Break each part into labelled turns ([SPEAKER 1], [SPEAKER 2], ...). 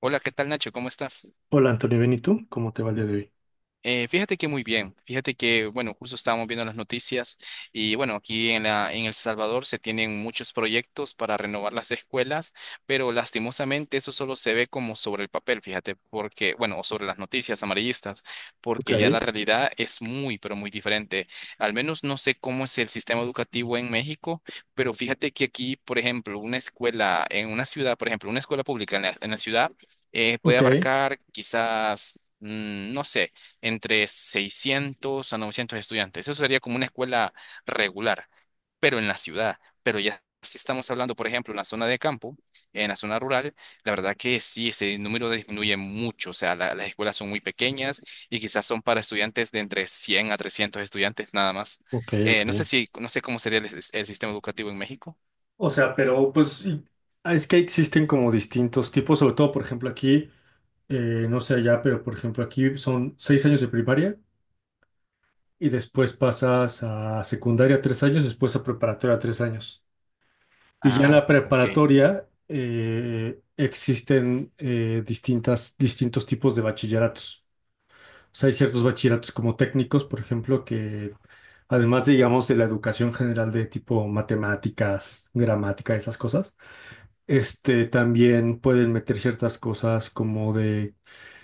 [SPEAKER 1] Hola, ¿qué tal Nacho? ¿Cómo estás?
[SPEAKER 2] Hola Antonio, bien, ¿y tú? ¿Cómo te va el día de hoy?
[SPEAKER 1] Fíjate que muy bien, fíjate que, bueno, justo estábamos viendo las noticias y bueno, aquí en El Salvador se tienen muchos proyectos para renovar las escuelas, pero lastimosamente eso solo se ve como sobre el papel, fíjate, porque, bueno, o sobre las noticias amarillistas,
[SPEAKER 2] Ok,
[SPEAKER 1] porque ya la realidad es muy, pero muy diferente. Al menos no sé cómo es el sistema educativo en México, pero fíjate que aquí, por ejemplo, una escuela en una ciudad, por ejemplo, una escuela pública en la ciudad, puede
[SPEAKER 2] ok,
[SPEAKER 1] abarcar quizás, no sé, entre 600 a 900 estudiantes. Eso sería como una escuela regular, pero en la ciudad. Pero ya si estamos hablando, por ejemplo, en la zona de campo, en la zona rural, la verdad que sí, ese número disminuye mucho. O sea, las escuelas son muy pequeñas y quizás son para estudiantes de entre 100 a 300 estudiantes nada más.
[SPEAKER 2] ok,
[SPEAKER 1] Eh,
[SPEAKER 2] ok.
[SPEAKER 1] no sé si, no sé cómo sería el sistema educativo en México.
[SPEAKER 2] O sea, pero pues ah, es que existen como distintos tipos, sobre todo, por ejemplo, aquí, no sé allá, pero por ejemplo, aquí son 6 años de primaria y después pasas a secundaria 3 años, después a preparatoria 3 años. Y ya en
[SPEAKER 1] Ah,
[SPEAKER 2] la
[SPEAKER 1] ok.
[SPEAKER 2] preparatoria existen distintos tipos de bachilleratos. O sea, hay ciertos bachilleratos como técnicos, por ejemplo, que además, digamos, de la educación general de tipo matemáticas, gramática, esas cosas, este, también pueden meter ciertas cosas como de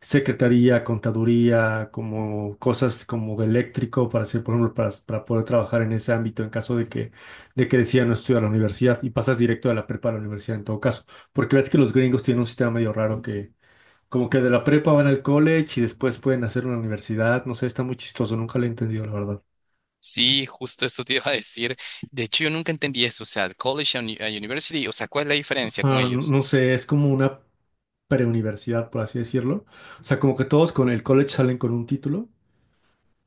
[SPEAKER 2] secretaría, contaduría, como cosas como de eléctrico para hacer, por ejemplo, para poder trabajar en ese ámbito en caso de que decidan no estudiar a la universidad y pasas directo de la prepa a la universidad en todo caso. Porque ves que los gringos tienen un sistema medio raro que como que de la prepa van al college y después pueden hacer una universidad, no sé, está muy chistoso, nunca lo he entendido, la verdad.
[SPEAKER 1] Sí, justo eso te iba a decir. De hecho, yo nunca entendí eso. O sea, el college and university, o sea, ¿cuál es la diferencia con
[SPEAKER 2] Ah,
[SPEAKER 1] ellos?
[SPEAKER 2] no sé, es como una preuniversidad, por así decirlo. O sea, como que todos con el college salen con un título,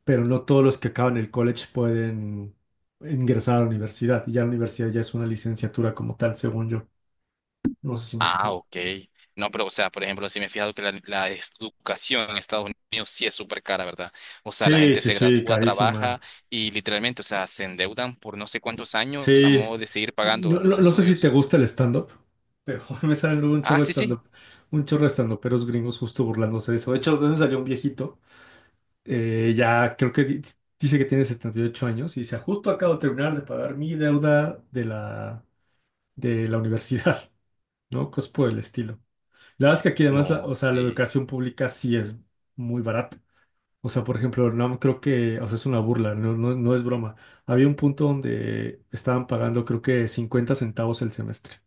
[SPEAKER 2] pero no todos los que acaban el college pueden ingresar a la universidad. Y ya la universidad ya es una licenciatura como tal, según yo. No sé si me
[SPEAKER 1] Ah,
[SPEAKER 2] explico.
[SPEAKER 1] ok. No, pero, o sea, por ejemplo, sí me he fijado que la educación en Estados Unidos sí es súper cara, ¿verdad? O sea, la
[SPEAKER 2] Sí,
[SPEAKER 1] gente
[SPEAKER 2] sí,
[SPEAKER 1] se
[SPEAKER 2] sí,
[SPEAKER 1] gradúa, trabaja
[SPEAKER 2] carísima.
[SPEAKER 1] y literalmente, o sea, se endeudan por no sé cuántos años a
[SPEAKER 2] Sí.
[SPEAKER 1] modo de seguir pagando los
[SPEAKER 2] No sé si te
[SPEAKER 1] estudios.
[SPEAKER 2] gusta el stand-up, pero me salen luego un
[SPEAKER 1] Ah,
[SPEAKER 2] chorro de
[SPEAKER 1] sí, sí.
[SPEAKER 2] stand-up, un chorro de stand-uperos gringos justo burlándose de eso. De hecho, de dónde salió un viejito. Eh, ya creo que di- Dice que tiene 78 años y dice, justo acabo de terminar de pagar mi deuda de la universidad, ¿no? Cosas por el estilo. La verdad es que aquí además,
[SPEAKER 1] No,
[SPEAKER 2] o sea, la
[SPEAKER 1] sí.
[SPEAKER 2] educación pública sí es muy barata. O sea, por ejemplo, no creo que, o sea, es una burla, no, no, no es broma. Había un punto donde estaban pagando creo que 50 centavos el semestre.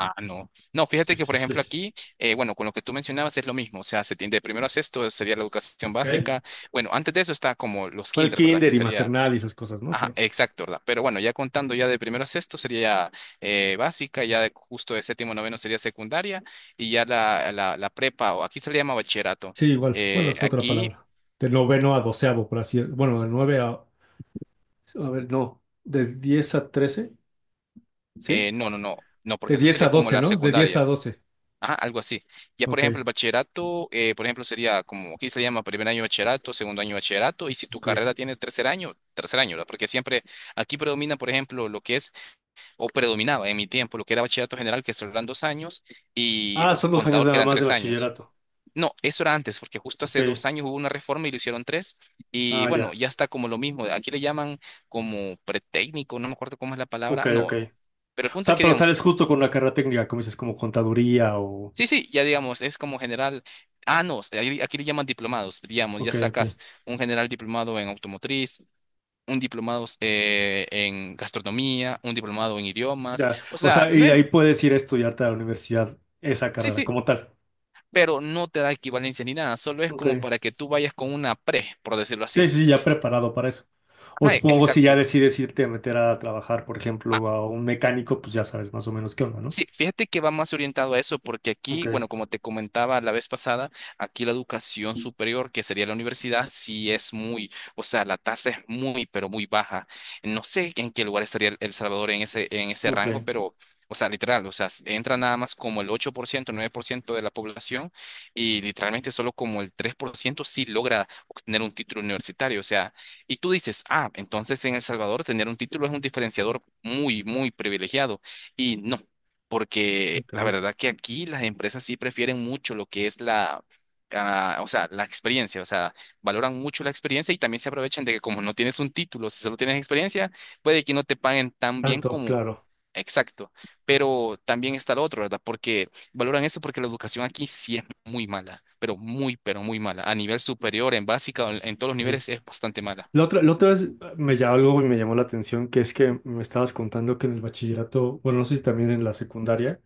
[SPEAKER 1] Ah, no. No,
[SPEAKER 2] Sí,
[SPEAKER 1] fíjate que, por
[SPEAKER 2] sí, sí,
[SPEAKER 1] ejemplo,
[SPEAKER 2] sí.
[SPEAKER 1] aquí, bueno, con lo que tú mencionabas es lo mismo. O sea, se tiende de primero a sexto, sería la educación
[SPEAKER 2] Ok.
[SPEAKER 1] básica. Bueno, antes de eso está como los
[SPEAKER 2] Bueno, el
[SPEAKER 1] kinder, ¿verdad? Que
[SPEAKER 2] kinder y
[SPEAKER 1] sería.
[SPEAKER 2] maternal y esas cosas, ¿no?
[SPEAKER 1] Ajá,
[SPEAKER 2] Pero
[SPEAKER 1] exacto, ¿verdad? Pero bueno, ya contando ya de primero a sexto sería básica, ya justo de séptimo a noveno sería secundaria y ya la prepa, o aquí se le llama bachillerato.
[SPEAKER 2] sí, igual. Bueno,
[SPEAKER 1] Eh,
[SPEAKER 2] es otra
[SPEAKER 1] aquí,
[SPEAKER 2] palabra. De noveno a doceavo, por así bueno, de nueve a ver, no. De 10 a 13, ¿sí?
[SPEAKER 1] no, no, no, no, porque
[SPEAKER 2] De
[SPEAKER 1] eso
[SPEAKER 2] diez
[SPEAKER 1] sería
[SPEAKER 2] a
[SPEAKER 1] como
[SPEAKER 2] doce
[SPEAKER 1] la
[SPEAKER 2] ¿no? De diez a
[SPEAKER 1] secundaria.
[SPEAKER 2] doce
[SPEAKER 1] Ajá, algo así. Ya, por
[SPEAKER 2] Ok,
[SPEAKER 1] ejemplo, el bachillerato, por ejemplo, sería como aquí se llama primer año de bachillerato, segundo año de bachillerato, y si tu
[SPEAKER 2] ok.
[SPEAKER 1] carrera tiene tercer año, ¿verdad? Porque siempre aquí predomina, por ejemplo, lo que es o predominaba en mi tiempo, lo que era bachillerato general, que solo eran dos años, y
[SPEAKER 2] Ah, son dos años
[SPEAKER 1] contador, que
[SPEAKER 2] nada
[SPEAKER 1] eran
[SPEAKER 2] más de
[SPEAKER 1] tres años.
[SPEAKER 2] bachillerato.
[SPEAKER 1] No, eso era antes, porque justo hace dos
[SPEAKER 2] Ok.
[SPEAKER 1] años hubo una reforma y lo hicieron tres. Y
[SPEAKER 2] Ah,
[SPEAKER 1] bueno,
[SPEAKER 2] ya.
[SPEAKER 1] ya está como lo mismo. Aquí le llaman como pretécnico, no me acuerdo cómo es la palabra.
[SPEAKER 2] Ok, ok.
[SPEAKER 1] No, pero el
[SPEAKER 2] O
[SPEAKER 1] punto es
[SPEAKER 2] sea,
[SPEAKER 1] que
[SPEAKER 2] pero
[SPEAKER 1] digamos,
[SPEAKER 2] sales justo con la carrera técnica, como dices, como contaduría o...
[SPEAKER 1] sí, sí, ya digamos, es como general. Ah, no, aquí le llaman diplomados. Digamos, ya
[SPEAKER 2] Ok,
[SPEAKER 1] sacas
[SPEAKER 2] ok.
[SPEAKER 1] un general diplomado en automotriz, un diplomado en gastronomía, un diplomado en idiomas.
[SPEAKER 2] Ya.
[SPEAKER 1] O
[SPEAKER 2] O
[SPEAKER 1] sea,
[SPEAKER 2] sea,
[SPEAKER 1] no
[SPEAKER 2] y de
[SPEAKER 1] es.
[SPEAKER 2] ahí puedes ir a estudiarte a la universidad esa
[SPEAKER 1] Sí,
[SPEAKER 2] carrera,
[SPEAKER 1] sí,
[SPEAKER 2] como tal.
[SPEAKER 1] pero no te da equivalencia ni nada, solo es
[SPEAKER 2] Ok.
[SPEAKER 1] como para que tú vayas con una pre, por decirlo
[SPEAKER 2] Sí,
[SPEAKER 1] así.
[SPEAKER 2] sí, ya preparado para eso. O
[SPEAKER 1] Ajá,
[SPEAKER 2] supongo si ya
[SPEAKER 1] exacto.
[SPEAKER 2] decides irte a meter a trabajar, por ejemplo, a un mecánico, pues ya sabes más o menos qué onda, ¿no?
[SPEAKER 1] Sí, fíjate que va más orientado a eso, porque
[SPEAKER 2] Ok,
[SPEAKER 1] aquí, bueno, como te comentaba la vez pasada, aquí la educación superior, que sería la universidad, sí es muy, o sea, la tasa es muy, pero muy baja. No sé en qué lugar estaría El Salvador en ese rango,
[SPEAKER 2] ok.
[SPEAKER 1] pero, o sea, literal, o sea, entra nada más como el 8%, 9% de la población y literalmente solo como el 3% sí logra obtener un título universitario. O sea, y tú dices, ah, entonces en El Salvador tener un título es un diferenciador muy, muy privilegiado. Y no porque
[SPEAKER 2] Ok.
[SPEAKER 1] la verdad que aquí las empresas sí prefieren mucho lo que es o sea, la experiencia, o sea, valoran mucho la experiencia y también se aprovechan de que como no tienes un título, si solo tienes experiencia, puede que no te paguen tan bien
[SPEAKER 2] Tanto,
[SPEAKER 1] como.
[SPEAKER 2] claro.
[SPEAKER 1] Exacto, pero también está lo otro, ¿verdad? Porque valoran eso porque la educación aquí sí es muy mala, pero muy mala. A nivel superior, en básica, en todos los
[SPEAKER 2] Sí.
[SPEAKER 1] niveles es bastante mala.
[SPEAKER 2] La otra vez me llamó algo y me llamó la atención, que es que me estabas contando que en el bachillerato, bueno, no sé si también en la secundaria,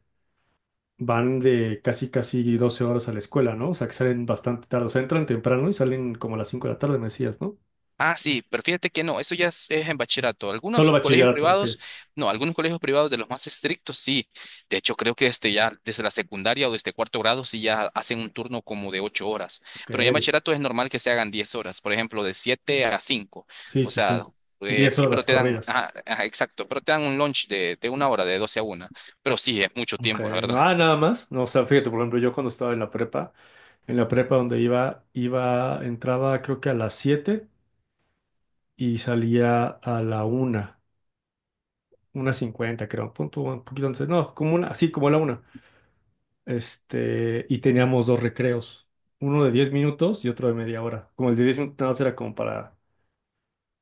[SPEAKER 2] van de casi casi 12 horas a la escuela, ¿no? O sea, que salen bastante tarde, o sea, entran temprano y salen como a las 5 de la tarde, me decías, ¿no?
[SPEAKER 1] Ah, sí, pero fíjate que no, eso ya es en bachillerato.
[SPEAKER 2] Solo
[SPEAKER 1] Algunos colegios
[SPEAKER 2] bachillerato, ok,
[SPEAKER 1] privados, no, algunos colegios privados de los más estrictos, sí. De hecho, creo que este ya desde la secundaria o desde cuarto grado sí ya hacen un turno como de 8 horas.
[SPEAKER 2] ok,
[SPEAKER 1] Pero ya en bachillerato es normal que se hagan 10 horas, por ejemplo, de siete a cinco.
[SPEAKER 2] sí,
[SPEAKER 1] O
[SPEAKER 2] sí,
[SPEAKER 1] sea,
[SPEAKER 2] sí, 10
[SPEAKER 1] pero
[SPEAKER 2] horas
[SPEAKER 1] te dan,
[SPEAKER 2] corridas.
[SPEAKER 1] ajá, ajá, exacto, pero te dan un lunch de una hora, de doce a una. Pero sí, es mucho
[SPEAKER 2] Ok,
[SPEAKER 1] tiempo, la verdad.
[SPEAKER 2] no, ah, nada más, no, o sea, fíjate, por ejemplo, yo cuando estaba en la prepa donde iba, iba, entraba creo que a las 7 y salía a la 1, 1:50 creo, punto, un poquito antes, no, como una, así como la 1. Este, y teníamos dos recreos, uno de 10 minutos y otro de media hora. Como el de 10 minutos nada más era como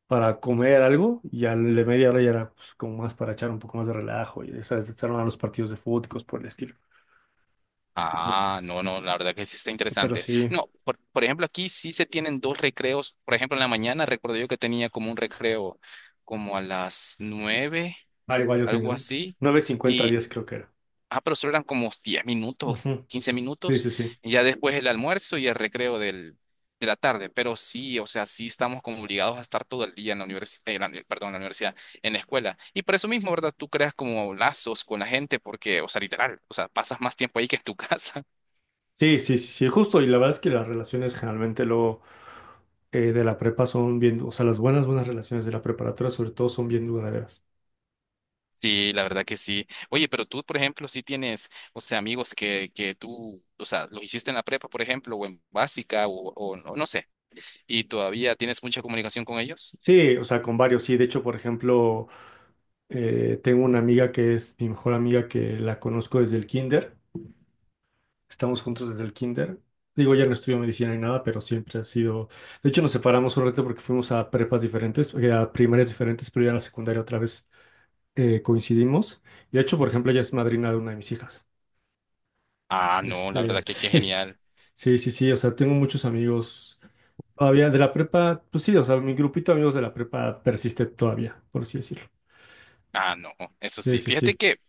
[SPEAKER 2] para comer algo y al de media hora ya era pues, como más para echar un poco más de relajo y ¿sabes? Se armaban los partidos de fútbol y cosas por el estilo.
[SPEAKER 1] Ah, no, no, la verdad que sí está
[SPEAKER 2] Pero
[SPEAKER 1] interesante.
[SPEAKER 2] sí,
[SPEAKER 1] No, por ejemplo, aquí sí se tienen dos recreos. Por ejemplo, en la mañana recuerdo yo que tenía como un recreo como a las nueve,
[SPEAKER 2] ah, igual yo tenía
[SPEAKER 1] algo
[SPEAKER 2] un
[SPEAKER 1] así.
[SPEAKER 2] 9:50,
[SPEAKER 1] Y,
[SPEAKER 2] 10 creo que era.
[SPEAKER 1] pero solo eran como 10 minutos o
[SPEAKER 2] Ujú.
[SPEAKER 1] quince
[SPEAKER 2] Sí,
[SPEAKER 1] minutos.
[SPEAKER 2] sí, sí.
[SPEAKER 1] Y ya después el almuerzo y el recreo del, de la tarde. Pero sí, o sea, sí estamos como obligados a estar todo el día en la universidad, perdón, en la universidad, en la escuela. Y por eso mismo, ¿verdad? Tú creas como lazos con la gente porque, o sea, literal, o sea, pasas más tiempo ahí que en tu casa.
[SPEAKER 2] Sí, sí, sí, sí, justo. Y la verdad es que las relaciones generalmente luego de la prepa son bien, o sea, las buenas, buenas relaciones de la preparatoria sobre todo son bien duraderas.
[SPEAKER 1] Sí, la verdad que sí. Oye, pero tú, por ejemplo, sí tienes, o sea, amigos que tú, o sea, lo hiciste en la prepa, por ejemplo, o en básica, o no, no sé, y todavía tienes mucha comunicación con ellos.
[SPEAKER 2] Sí, o sea, con varios, sí. De hecho, por ejemplo, tengo una amiga que es mi mejor amiga que la conozco desde el kinder. Estamos juntos desde el kinder. Digo, ya no estudio medicina ni nada, pero siempre ha sido... De hecho, nos separamos un rato porque fuimos a prepas diferentes, a primarias diferentes, pero ya en la secundaria otra vez coincidimos. Y de hecho, por ejemplo, ella es madrina de una de mis hijas.
[SPEAKER 1] Ah, no, la
[SPEAKER 2] Este,
[SPEAKER 1] verdad que qué
[SPEAKER 2] sí.
[SPEAKER 1] genial.
[SPEAKER 2] Sí, sí, sí, o sea, tengo muchos amigos todavía de la prepa, pues sí, o sea, mi grupito de amigos de la prepa persiste todavía, por así decirlo.
[SPEAKER 1] Ah, no, eso
[SPEAKER 2] Sí,
[SPEAKER 1] sí.
[SPEAKER 2] sí,
[SPEAKER 1] Fíjate
[SPEAKER 2] sí.
[SPEAKER 1] que,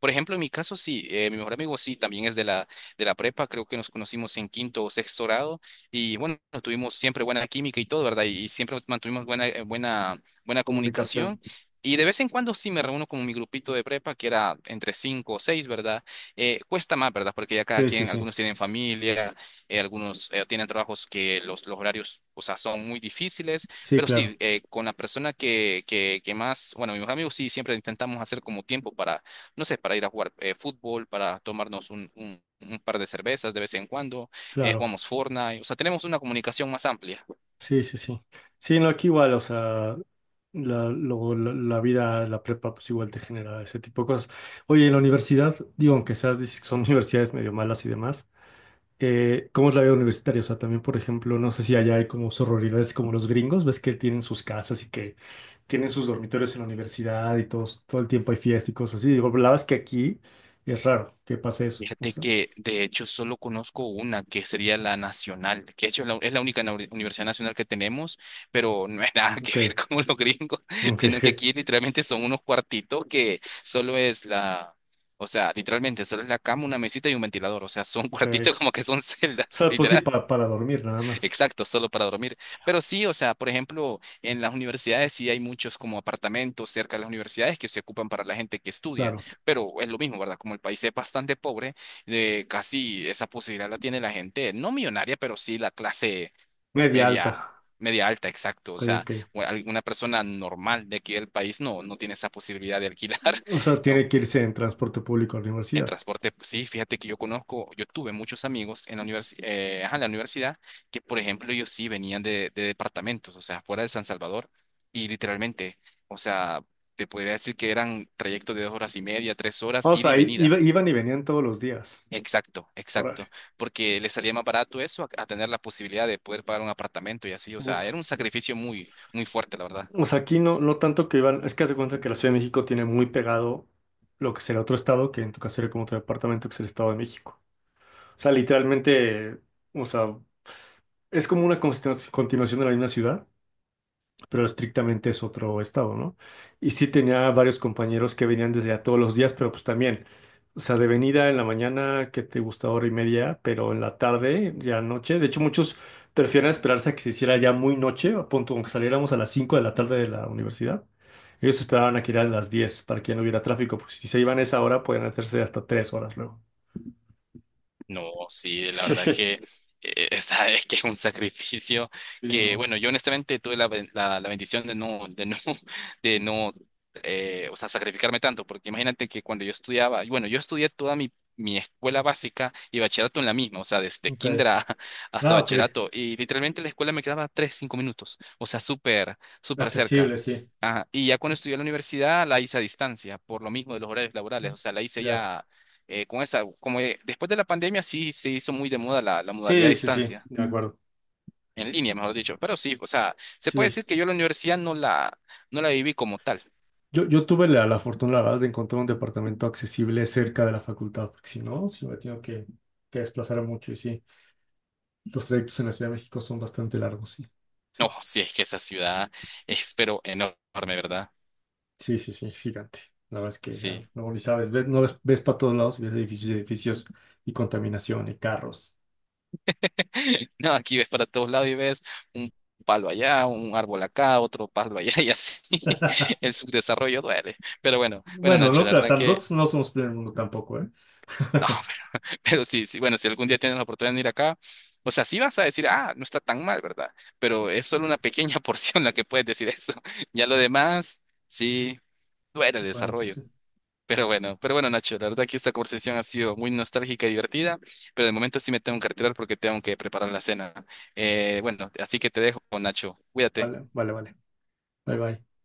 [SPEAKER 1] por ejemplo, en mi caso, sí, mi mejor amigo sí, también es de la prepa, creo que nos conocimos en quinto o sexto grado y bueno, tuvimos siempre buena química y todo, ¿verdad? Y siempre mantuvimos buena comunicación.
[SPEAKER 2] Comunicación.
[SPEAKER 1] Y de vez en cuando sí me reúno con mi grupito de prepa, que era entre cinco o seis, ¿verdad? Cuesta más, ¿verdad? Porque ya cada
[SPEAKER 2] Sí, sí,
[SPEAKER 1] quien,
[SPEAKER 2] sí.
[SPEAKER 1] algunos tienen familia, algunos tienen trabajos que los horarios, o sea, son muy difíciles.
[SPEAKER 2] Sí,
[SPEAKER 1] Pero sí,
[SPEAKER 2] claro,
[SPEAKER 1] con la persona que más, bueno, mi mejor amigo sí, siempre intentamos hacer como tiempo para no sé, para ir a jugar fútbol, para tomarnos un par de cervezas de vez en cuando,
[SPEAKER 2] claro.
[SPEAKER 1] jugamos Fortnite, o sea, tenemos una comunicación más amplia.
[SPEAKER 2] Sí, sí, sí. Sí, no, aquí igual, o sea, luego la vida, la prepa, pues igual te genera ese tipo de cosas. Oye, en la universidad, digo, aunque seas, dices que son universidades medio malas y demás, ¿cómo es la vida universitaria? O sea, también, por ejemplo, no sé si allá hay como sororidades como los gringos, ves que tienen sus casas y que tienen sus dormitorios en la universidad y todos, todo el tiempo hay fiesta y cosas así. Digo, la verdad es que aquí es raro que pase eso. O
[SPEAKER 1] Fíjate
[SPEAKER 2] sea,
[SPEAKER 1] que de hecho solo conozco una que sería la nacional, que de hecho es la única universidad nacional que tenemos, pero no es nada que
[SPEAKER 2] ok,
[SPEAKER 1] ver con los gringos,
[SPEAKER 2] ok,
[SPEAKER 1] sino que aquí literalmente son unos cuartitos que solo es la... O sea, literalmente solo es la cama, una mesita y un ventilador. O sea, son
[SPEAKER 2] ok.
[SPEAKER 1] cuartitos como que son
[SPEAKER 2] O
[SPEAKER 1] celdas,
[SPEAKER 2] sea, pues sí,
[SPEAKER 1] literal.
[SPEAKER 2] para dormir nada más.
[SPEAKER 1] Exacto, solo para dormir. Pero sí, o sea, por ejemplo, en las universidades sí hay muchos como apartamentos cerca de las universidades que se ocupan para la gente que estudia,
[SPEAKER 2] Claro,
[SPEAKER 1] pero es lo mismo, ¿verdad? Como el país es bastante pobre, casi esa posibilidad la tiene la gente, no millonaria, pero sí la clase
[SPEAKER 2] media
[SPEAKER 1] media,
[SPEAKER 2] alta.
[SPEAKER 1] media alta, exacto. O
[SPEAKER 2] Ok,
[SPEAKER 1] sea,
[SPEAKER 2] ok.
[SPEAKER 1] alguna persona normal de aquí del país no tiene esa posibilidad de alquilar.
[SPEAKER 2] O sea, tiene que irse en transporte público a la
[SPEAKER 1] En
[SPEAKER 2] universidad.
[SPEAKER 1] transporte, pues, sí, fíjate que yo conozco, yo tuve muchos amigos en la ajá, en la universidad que, por ejemplo, ellos sí venían de departamentos, o sea, fuera de San Salvador, y literalmente, o sea, te podría decir que eran trayectos de 2 horas y media, 3 horas,
[SPEAKER 2] O
[SPEAKER 1] ida y
[SPEAKER 2] sea,
[SPEAKER 1] venida.
[SPEAKER 2] iban y venían todos los días.
[SPEAKER 1] Exacto,
[SPEAKER 2] Órale.
[SPEAKER 1] exacto, porque les salía más barato eso a tener la posibilidad de poder pagar un apartamento y así, o sea,
[SPEAKER 2] Uf.
[SPEAKER 1] era un sacrificio muy, muy fuerte, la verdad.
[SPEAKER 2] O sea, aquí no, no tanto que iban, es que haz de cuenta que la Ciudad de México tiene muy pegado lo que sería otro estado, que en tu caso sería como tu departamento, que es el Estado de México. O sea, literalmente, o sea, es como una continuación de la misma ciudad, pero estrictamente es otro estado, ¿no? Y sí tenía varios compañeros que venían desde allá todos los días, pero pues también, o sea, de venida en la mañana, que te gusta hora y media, pero en la tarde, ya noche. De hecho, muchos prefieren esperarse a que se hiciera ya muy noche, a punto, aunque saliéramos a las 5 de la tarde de la universidad. Ellos esperaban a que eran las 10 para que ya no hubiera tráfico, porque si se iban a esa hora, pueden hacerse hasta 3 horas luego.
[SPEAKER 1] No, sí, la verdad
[SPEAKER 2] Sí.
[SPEAKER 1] que esa que es un sacrificio
[SPEAKER 2] Sí,
[SPEAKER 1] que,
[SPEAKER 2] no.
[SPEAKER 1] bueno, yo honestamente tuve la bendición de no, de no, o sea, sacrificarme tanto, porque imagínate que cuando yo estudiaba, y bueno, yo estudié toda mi escuela básica y bachillerato en la misma, o sea, desde
[SPEAKER 2] Ok.
[SPEAKER 1] kinder hasta
[SPEAKER 2] Ah, ok.
[SPEAKER 1] bachillerato, y literalmente la escuela me quedaba tres, cinco minutos, o sea, súper, súper cerca.
[SPEAKER 2] Accesible, sí.
[SPEAKER 1] Ajá, y ya cuando estudié en la universidad la hice a distancia, por lo mismo de los horarios laborales, o sea, la hice
[SPEAKER 2] Ya.
[SPEAKER 1] ya con esa, como después de la pandemia sí se hizo muy de moda la modalidad a
[SPEAKER 2] Sí, sí, sí,
[SPEAKER 1] distancia,
[SPEAKER 2] de acuerdo.
[SPEAKER 1] en línea, mejor dicho, pero sí, o sea, se puede
[SPEAKER 2] Sí.
[SPEAKER 1] decir que yo la universidad no la viví como tal.
[SPEAKER 2] Yo tuve la fortuna, la verdad, de encontrar un departamento accesible cerca de la facultad, porque si no, si me tengo que desplazar mucho y sí, los trayectos en la Ciudad de México son bastante largos, sí.
[SPEAKER 1] No,
[SPEAKER 2] Sí,
[SPEAKER 1] sí, es que esa ciudad es pero enorme, ¿verdad?
[SPEAKER 2] sí, sí, sí, gigante. La verdad es que ah,
[SPEAKER 1] Sí.
[SPEAKER 2] no ni sabes, ves, no ves, ves para todos lados, y ves edificios y edificios y contaminación y carros.
[SPEAKER 1] No, aquí ves para todos lados y ves un palo allá, un árbol acá, otro palo allá y así. El subdesarrollo duele. Pero bueno, bueno,
[SPEAKER 2] Bueno,
[SPEAKER 1] Nacho,
[SPEAKER 2] no,
[SPEAKER 1] la
[SPEAKER 2] o
[SPEAKER 1] verdad
[SPEAKER 2] sea,
[SPEAKER 1] que
[SPEAKER 2] nosotros no somos primer mundo tampoco, ¿eh?
[SPEAKER 1] no. Pero sí, sí, bueno, si algún día tienes la oportunidad de venir acá, o sea, sí vas a decir, ah, no está tan mal, ¿verdad? Pero es solo una pequeña porción la que puedes decir eso. Ya lo demás, sí, duele el
[SPEAKER 2] Bueno, pues
[SPEAKER 1] desarrollo.
[SPEAKER 2] sí.
[SPEAKER 1] Pero bueno, Nacho, la verdad que esta conversación ha sido muy nostálgica y divertida, pero de momento sí me tengo que retirar porque tengo que preparar la cena. Bueno, así que te dejo, Nacho,
[SPEAKER 2] Vale,
[SPEAKER 1] cuídate.
[SPEAKER 2] vale, vale. Bye, bye.